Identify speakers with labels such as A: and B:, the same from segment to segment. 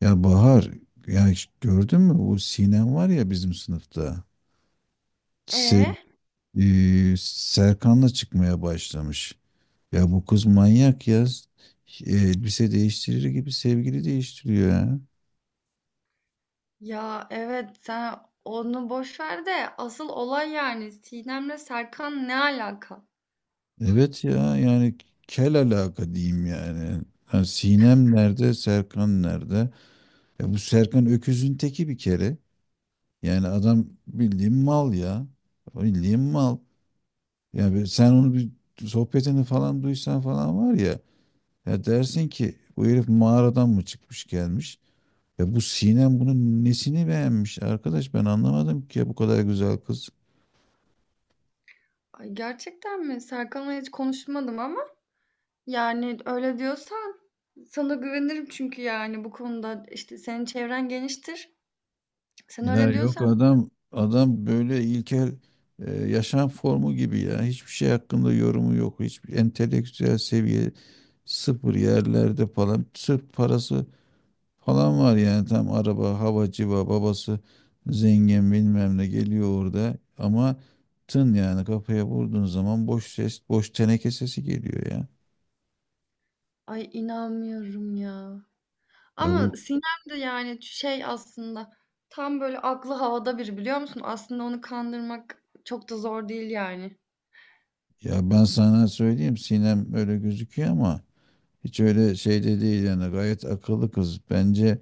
A: Ya Bahar, ya hiç gördün mü bu Sinem var ya bizim sınıfta. Se
B: E
A: Serkan'la çıkmaya başlamış. Ya bu kız manyak ya. Elbise değiştirir gibi sevgili değiştiriyor ya.
B: Ya evet sen onu boş ver de asıl olay yani Sinem'le Serkan ne alaka?
A: Evet ya yani kel alaka diyeyim yani. Ha, Sinem nerede, Serkan nerede? Ya bu Serkan öküzün teki bir kere. Yani adam bildiğin mal ya. Bildiğin mal. Ya sen onu bir sohbetini falan duysan falan var ya. Ya dersin ki bu herif mağaradan mı çıkmış gelmiş? Ya bu Sinem bunun nesini beğenmiş arkadaş ben anlamadım ki ya bu kadar güzel kız.
B: Ay, gerçekten mi? Serkan'la hiç konuşmadım ama yani öyle diyorsan sana güvenirim çünkü yani bu konuda işte senin çevren geniştir. Sen
A: Ya
B: öyle
A: yok
B: diyorsan
A: adam böyle ilkel yaşam formu gibi ya hiçbir şey hakkında yorumu yok. Hiçbir entelektüel seviye sıfır yerlerde falan sırf parası falan var yani tam araba hava civa babası zengin bilmem ne geliyor orada ama tın yani kafaya vurduğun zaman boş ses boş teneke sesi geliyor ya.
B: ay inanmıyorum ya.
A: Ya bu
B: Ama Sinem de yani şey aslında tam böyle aklı havada biri biliyor musun? Aslında onu kandırmak çok da zor değil yani.
A: ya Ben sana söyleyeyim Sinem öyle gözüküyor ama hiç öyle şeyde değil yani gayet akıllı kız. Bence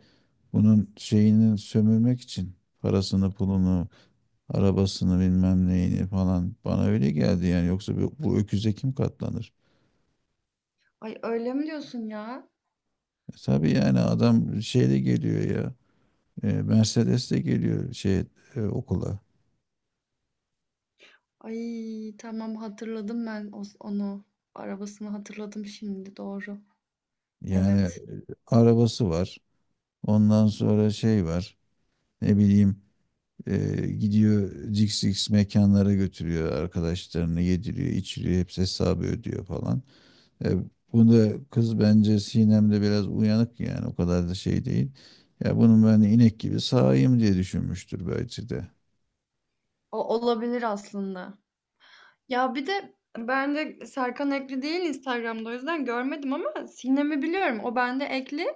A: bunun şeyini sömürmek için parasını pulunu arabasını bilmem neyini falan bana öyle geldi yani yoksa bu öküze kim katlanır?
B: Ay öyle mi diyorsun ya?
A: E tabii yani adam şeyle geliyor ya. E, Mercedes de geliyor şey okula.
B: Ay tamam hatırladım ben onu. Arabasını hatırladım şimdi doğru.
A: Yani
B: Evet.
A: arabası var. Ondan sonra şey var. Ne bileyim gidiyor cix cix mekanlara götürüyor arkadaşlarını yediriyor, içiriyor, hepsi hesabı ödüyor falan. E, Bunda kız bence Sinem'de biraz uyanık yani o kadar da şey değil. Ya bunun ben inek gibi sağayım diye düşünmüştür belki de.
B: O olabilir aslında. Ya bir de ben de Serkan Ekli değil Instagram'da o yüzden görmedim ama Sinem'i biliyorum. O bende Ekli.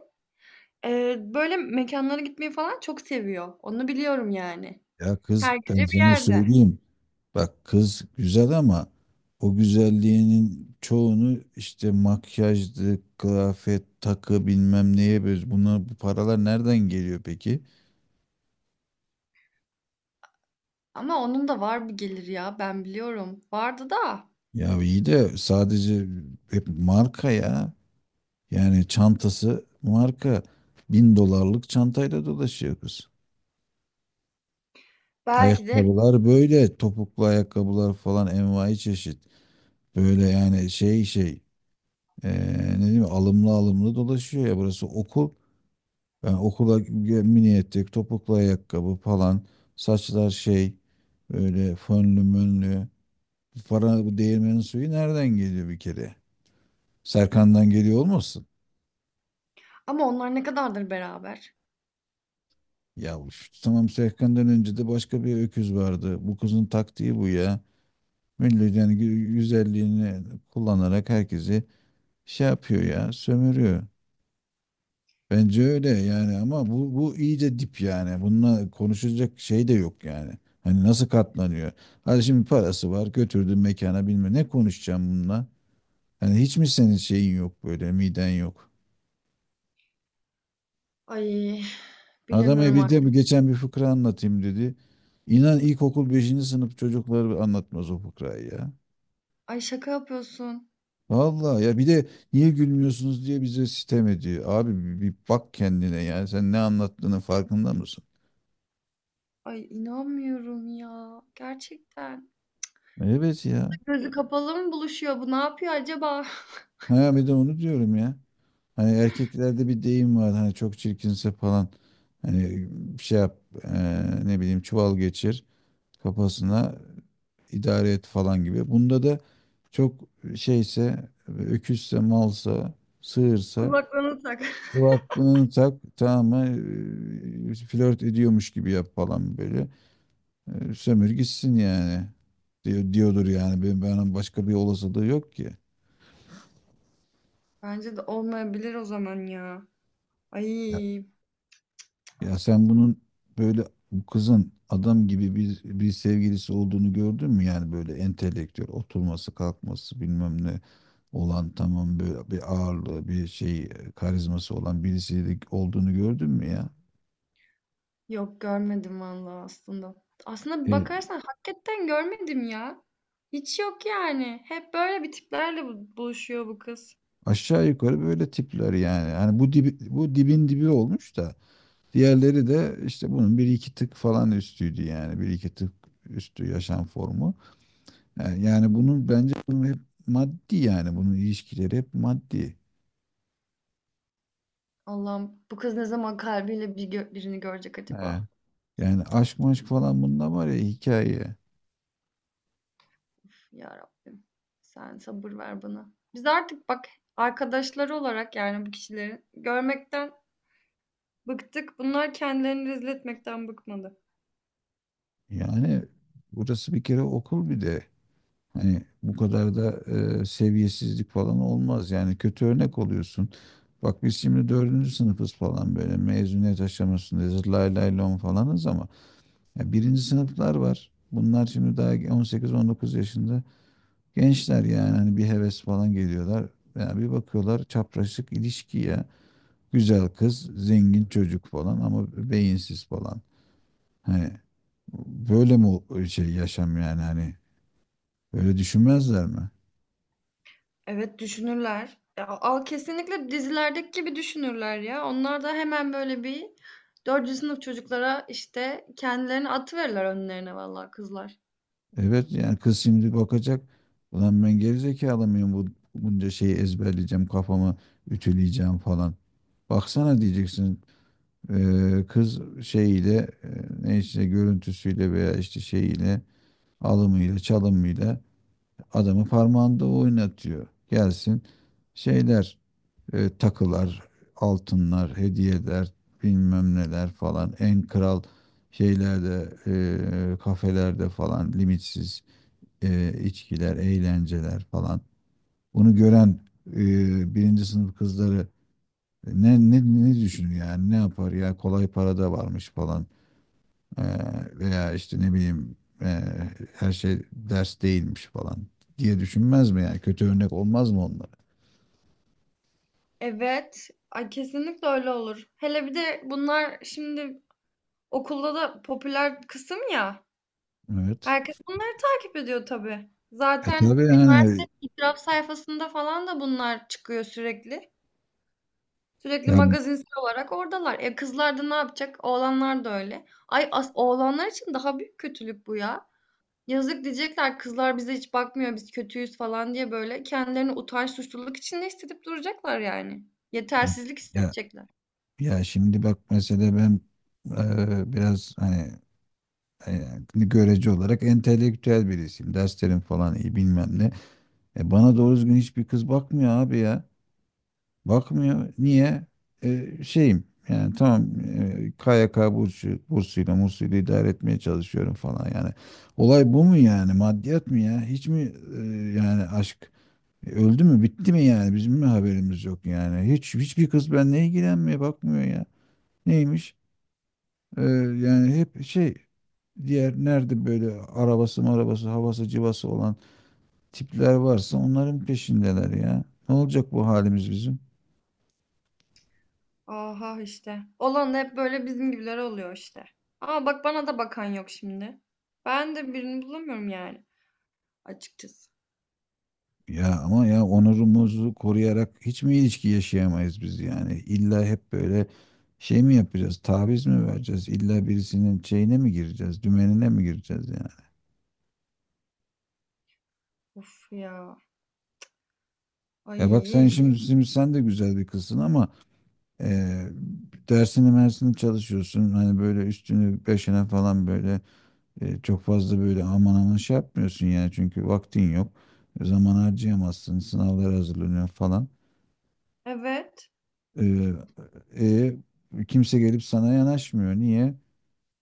B: Böyle mekanlara gitmeyi falan çok seviyor. Onu biliyorum yani.
A: Ya kız
B: Her
A: ben
B: gece bir
A: sana
B: yerde.
A: söyleyeyim. Bak kız güzel ama o güzelliğinin çoğunu işte makyajdı, kıyafet, takı bilmem neye böyle buna bu paralar nereden geliyor peki?
B: Ama onun da var bir gelir ya ben biliyorum. Vardı da
A: Ya iyi de sadece hep marka ya. Yani çantası marka. 1.000 dolarlık çantayla dolaşıyor kız.
B: belki de
A: Ayakkabılar böyle topuklu ayakkabılar falan envai çeşit. Böyle yani Ee, ne diyeyim alımlı alımlı dolaşıyor ya burası okul. Mini etek, topuklu ayakkabı falan, saçlar şey böyle fönlü mönlü. Bu para bu değirmenin suyu nereden geliyor bir kere? Serkan'dan geliyor olmasın?
B: ama onlar ne kadardır beraber?
A: Ya bu Tamam Serkan'dan önce de başka bir öküz vardı. Bu kızın taktiği bu ya. Millet yani güzelliğini kullanarak herkesi şey yapıyor ya, sömürüyor. Bence öyle yani ama bu iyice dip yani. Bununla konuşacak şey de yok yani. Hani nasıl katlanıyor? Hadi şimdi parası var götürdün mekana bilmem ne konuşacağım bununla. Hani hiç mi senin şeyin yok böyle miden yok?
B: Ay
A: Adam e
B: bilemiyorum
A: bir de
B: artık.
A: bu geçen bir fıkra anlatayım dedi. İnan ilkokul beşinci sınıf çocukları anlatmaz o fıkrayı ya.
B: Ay şaka yapıyorsun.
A: Vallahi ya bir de niye gülmüyorsunuz diye bize sitem ediyor. Abi bir bak kendine yani sen ne anlattığının farkında mısın?
B: Ay inanmıyorum ya. Gerçekten.
A: Evet ya.
B: Gözü kapalı mı buluşuyor bu? Ne yapıyor acaba?
A: Ha bir de onu diyorum ya. Hani erkeklerde bir deyim var hani çok çirkinse falan hani bir şey yap ne bileyim çuval geçir kafasına idare et falan gibi. Bunda da çok şeyse öküzse malsa sığırsa
B: Kulaklığını tak.
A: kulaklığını tak tamam mı flört ediyormuş gibi yap falan böyle. Sömür gitsin yani diyor, diyordur yani ben başka bir olasılığı yok ki.
B: Bence de olmayabilir o zaman ya. Ay
A: Ya sen bunun böyle bu kızın adam gibi bir sevgilisi olduğunu gördün mü? Yani böyle entelektüel oturması kalkması bilmem ne olan tamam böyle bir ağırlığı bir şey karizması olan birisiyle olduğunu gördün mü ya?
B: yok görmedim vallahi aslında. Aslında bir
A: E,
B: bakarsan hakikaten görmedim ya. Hiç yok yani. Hep böyle bir tiplerle buluşuyor bu kız.
A: Aşağı yukarı böyle tipler yani. Hani bu dibi, bu dibin dibi olmuş da diğerleri de işte bunun bir iki tık falan üstüydü yani bir iki tık üstü yaşam formu. Yani bunun bence bunun hep maddi yani bunun ilişkileri hep maddi.
B: Allah'ım bu kız ne zaman kalbiyle bir birini görecek
A: He.
B: acaba?
A: Yani aşk maşk falan bunda var ya hikaye.
B: Uf, Ya Rabbim. Sen sabır ver bana. Biz artık bak arkadaşları olarak yani bu kişileri görmekten bıktık. Bunlar kendilerini rezil etmekten bıkmadı.
A: Yani burası bir kere okul bir de. Hani bu kadar da seviyesizlik falan olmaz. Yani kötü örnek oluyorsun. Bak biz şimdi dördüncü sınıfız falan böyle mezuniyet aşamasındayız. Lay lay lon falanız ama ya birinci sınıflar var. Bunlar şimdi daha 18-19 yaşında gençler yani hani bir heves falan geliyorlar. Yani bir bakıyorlar çapraşık ilişki ya. Güzel kız, zengin çocuk falan ama beyinsiz falan. Hani böyle şey yaşam yani hani öyle düşünmezler mi?
B: Evet düşünürler. Ya, al kesinlikle dizilerdeki gibi düşünürler ya. Onlar da hemen böyle bir dördüncü sınıf çocuklara işte kendilerini atıverirler önlerine vallahi kızlar.
A: Evet yani kız şimdi bakacak ulan ben gerizekalı mıyım bu bunca şeyi ezberleyeceğim kafamı ütüleyeceğim falan. Baksana diyeceksin kız şeyiyle eee, ne işte görüntüsüyle veya işte şeyiyle alımıyla çalımıyla adamı parmağında oynatıyor. Gelsin şeyler takılar, altınlar, hediyeler, bilmem neler falan. En kral şeylerde, kafelerde falan limitsiz içkiler, eğlenceler falan. Bunu gören birinci sınıf kızları ne, ne, ne düşünür yani ne yapar ya kolay para da varmış falan. E, Veya işte ne bileyim her şey ders değilmiş falan diye düşünmez mi yani kötü örnek olmaz mı onlara?
B: Evet. Ay kesinlikle öyle olur. Hele bir de bunlar şimdi okulda da popüler kısım ya.
A: Evet.
B: Herkes bunları takip ediyor tabii.
A: E
B: Zaten
A: tabii yani
B: üniversitenin itiraf sayfasında falan da bunlar çıkıyor sürekli. Sürekli
A: ya,
B: magazinsel olarak oradalar. E kızlar da ne yapacak? Oğlanlar da öyle. Ay as oğlanlar için daha büyük kötülük bu ya. Yazık diyecekler kızlar bize hiç bakmıyor biz kötüyüz falan diye böyle kendilerini utanç suçluluk içinde hissedip duracaklar yani. Yetersizlik
A: ya
B: hissedecekler.
A: Ya şimdi bak mesela ben biraz hani görece olarak entelektüel birisiyim. Derslerim falan iyi bilmem ne. E, bana doğru düzgün hiçbir kız bakmıyor abi ya. Bakmıyor. Niye? E, şeyim yani tamam e, KYK bursu, bursuyla mursuyla idare etmeye çalışıyorum falan yani. Olay bu mu yani? Maddiyat mı ya? Hiç mi yani aşk öldü mü bitti mi yani? Bizim mi haberimiz yok yani? Hiçbir kız benimle ilgilenmiyor bakmıyor ya. Neymiş? Ee, Yani hep şey diğer nerede böyle arabası marabası havası civası olan tipler varsa onların peşindeler ya. Ne olacak bu halimiz bizim?
B: Aha işte. Olan da hep böyle bizim gibiler oluyor işte. Ama bak bana da bakan yok şimdi. Ben de birini bulamıyorum yani. Açıkçası.
A: Ya ama ya onurumuzu koruyarak hiç mi ilişki yaşayamayız biz yani? İlla hep böyle şey mi yapacağız? Taviz mi vereceğiz? İlla birisinin şeyine mi gireceğiz? Dümenine mi gireceğiz yani?
B: Of ya.
A: Ya bak sen
B: Ay.
A: şimdi sen de güzel bir kızsın ama e, dersini mersini çalışıyorsun. Hani böyle üstünü beşine falan böyle. E, çok fazla böyle aman aman şey yapmıyorsun yani çünkü vaktin yok. E, zaman harcayamazsın, sınavlara hazırlanıyor falan.
B: Evet.
A: E, e, Kimse gelip sana yanaşmıyor. Niye?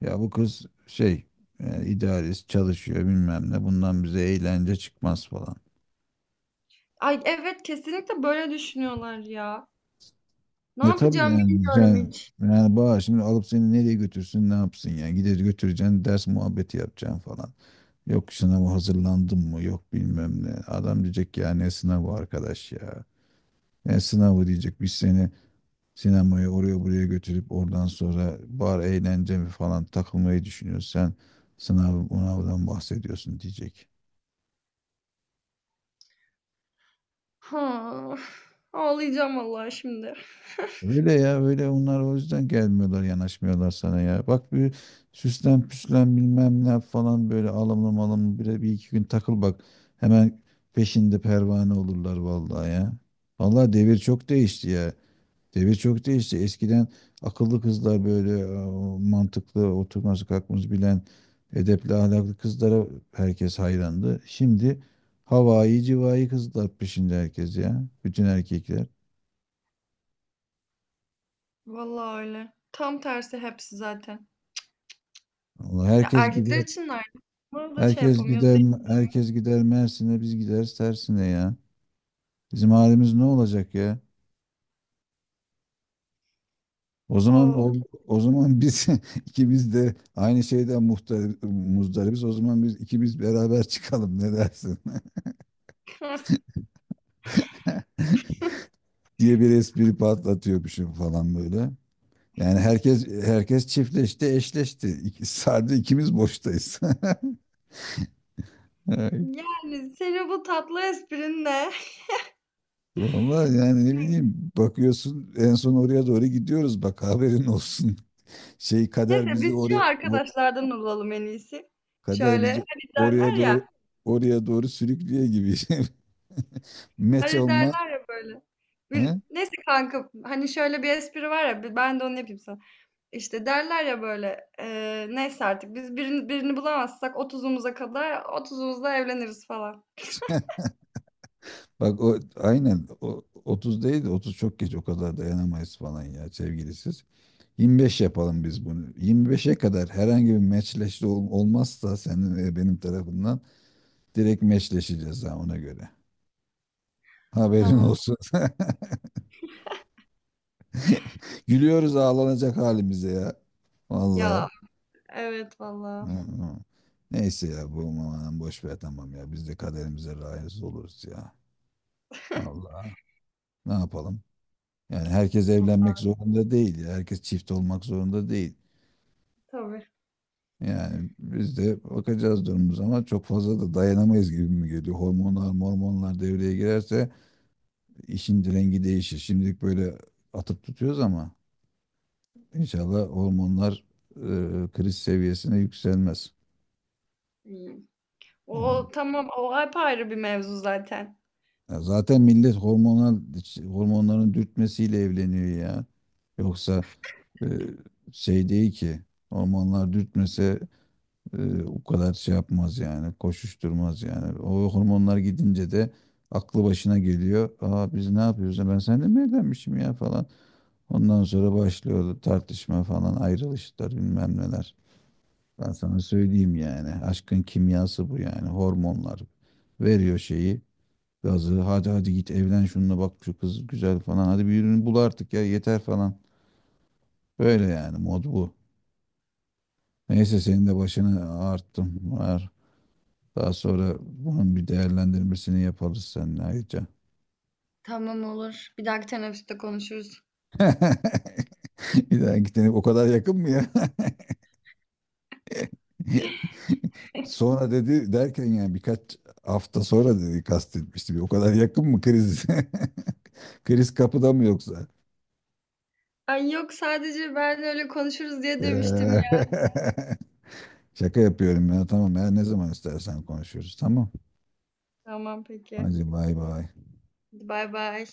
A: Ya bu kız şey yani idealist çalışıyor bilmem ne bundan bize eğlence çıkmaz falan.
B: Ay evet kesinlikle böyle düşünüyorlar ya. Ne
A: E tabii
B: yapacağım bilmiyorum hiç.
A: yani Bahar şimdi alıp seni nereye götürsün ne yapsın yani gider götüreceksin ders muhabbeti yapacaksın falan. Yok sınava hazırlandın mı yok bilmem ne. Adam diyecek ya ne sınavı arkadaş ya. Yani sınavı diyecek biz seni sinemaya oraya buraya götürüp oradan sonra bar eğlence mi falan takılmayı düşünüyorsun. Sen sınavdan bahsediyorsun diyecek.
B: Ha. Ağlayacağım vallahi şimdi.
A: Öyle ya öyle onlar o yüzden gelmiyorlar yanaşmıyorlar sana ya. Bak bir süslen püslen bilmem ne yap falan böyle alımlı malımlı bir, bir iki gün takıl bak. Hemen peşinde pervane olurlar vallahi ya. Vallahi devir çok değişti ya. Devir çok değişti. Eskiden akıllı kızlar böyle mantıklı oturması kalkması bilen edepli ahlaklı kızlara herkes hayrandı. Şimdi havai civai kızlar peşinde herkes ya. Bütün erkekler.
B: Vallahi öyle. Tam tersi hepsi zaten.
A: Allah
B: Ya
A: herkes
B: erkekler
A: gider.
B: için de aynı. Bunu da şey
A: Herkes
B: yapamıyoruz
A: gider.
B: değil.
A: Herkes gider Mersin'e biz gideriz tersine ya. Bizim halimiz ne olacak ya? O zaman
B: Of.
A: o, O zaman biz ikimiz de aynı şeyden muhtar, muzdaribiz. O zaman biz ikimiz beraber çıkalım ne dersin? diye bir espri patlatıyormuşum falan böyle. Yani herkes çiftleşti, eşleşti. İki, sardı ikimiz boştayız. Evet.
B: Yani senin bu tatlı esprin ne?
A: Vallahi yani ne bileyim bakıyorsun en son oraya doğru gidiyoruz bak haberin olsun. Şey
B: Neyse
A: kader bizi
B: biz şu
A: oraya o-
B: arkadaşlardan olalım en iyisi.
A: Kader
B: Şöyle
A: bizi
B: hani
A: oraya
B: derler ya.
A: doğru oraya doğru sürüklüyor gibi. Meç
B: Hani
A: olma.
B: derler ya böyle. Bir,
A: He?
B: neyse kanka hani şöyle bir espri var ya ben de onu yapayım sana. İşte derler ya böyle neyse artık biz birini bulamazsak 30'umuza kadar otuzumuzda evleniriz falan.
A: Bak o aynen o 30 değil de 30 çok geç o kadar dayanamayız falan ya sevgilisiz. 25 yapalım biz bunu. 25'e kadar herhangi bir olmazsa senin ve benim tarafından direkt meçleşeceğiz ha ona göre. Haberin
B: Tamam.
A: olsun. Gülüyoruz ağlanacak halimize ya. Vallahi.
B: Ya evet valla.
A: Hı hı. Neyse ya bu aman boş ver tamam ya. Biz de kaderimize razı oluruz ya. Vallahi ne yapalım? Yani herkes evlenmek zorunda değil ya. Herkes çift olmak zorunda değil.
B: Tabii.
A: Yani biz de bakacağız durumumuz ama çok fazla da dayanamayız gibi mi geliyor? Hormonlar, mormonlar devreye girerse işin rengi değişir. Şimdilik böyle atıp tutuyoruz ama inşallah hormonlar e, kriz seviyesine yükselmez.
B: İyi.
A: Hı.
B: O tamam o apayrı bir mevzu zaten.
A: Ya zaten millet hormonların dürtmesiyle evleniyor ya. Yoksa e, şey değil ki hormonlar dürtmese. O kadar şey yapmaz yani, koşuşturmaz yani. O hormonlar gidince de aklı başına geliyor. Aa biz ne yapıyoruz? Ben seninle mi evlenmişim ya falan. Ondan sonra başlıyor tartışma falan, ayrılışlar bilmem neler. Ben sana söyleyeyim yani. Aşkın kimyası bu yani. Hormonlar veriyor şeyi, gazı. Hadi git evlen şununla bak şu kız güzel falan. Hadi birini bul artık ya yeter falan. Böyle yani mod bu. Neyse senin de başını ağarttım. Var. Daha sonra bunun bir değerlendirmesini yaparız seninle ayrıca.
B: Tamam olur. Bir dahaki teneffüste konuşuruz.
A: Bir daha gitene o kadar yakın mı ya? Sonra dedi derken yani birkaç hafta sonra dedi kastetmişti. O kadar yakın mı kriz? Kriz kapıda mı yoksa?
B: Ay yok sadece ben öyle konuşuruz diye demiştim
A: Eee,
B: ya.
A: Şaka yapıyorum ya tamam ya ne zaman istersen konuşuruz tamam.
B: Tamam peki.
A: Hadi bay bay.
B: Hadi bay bay.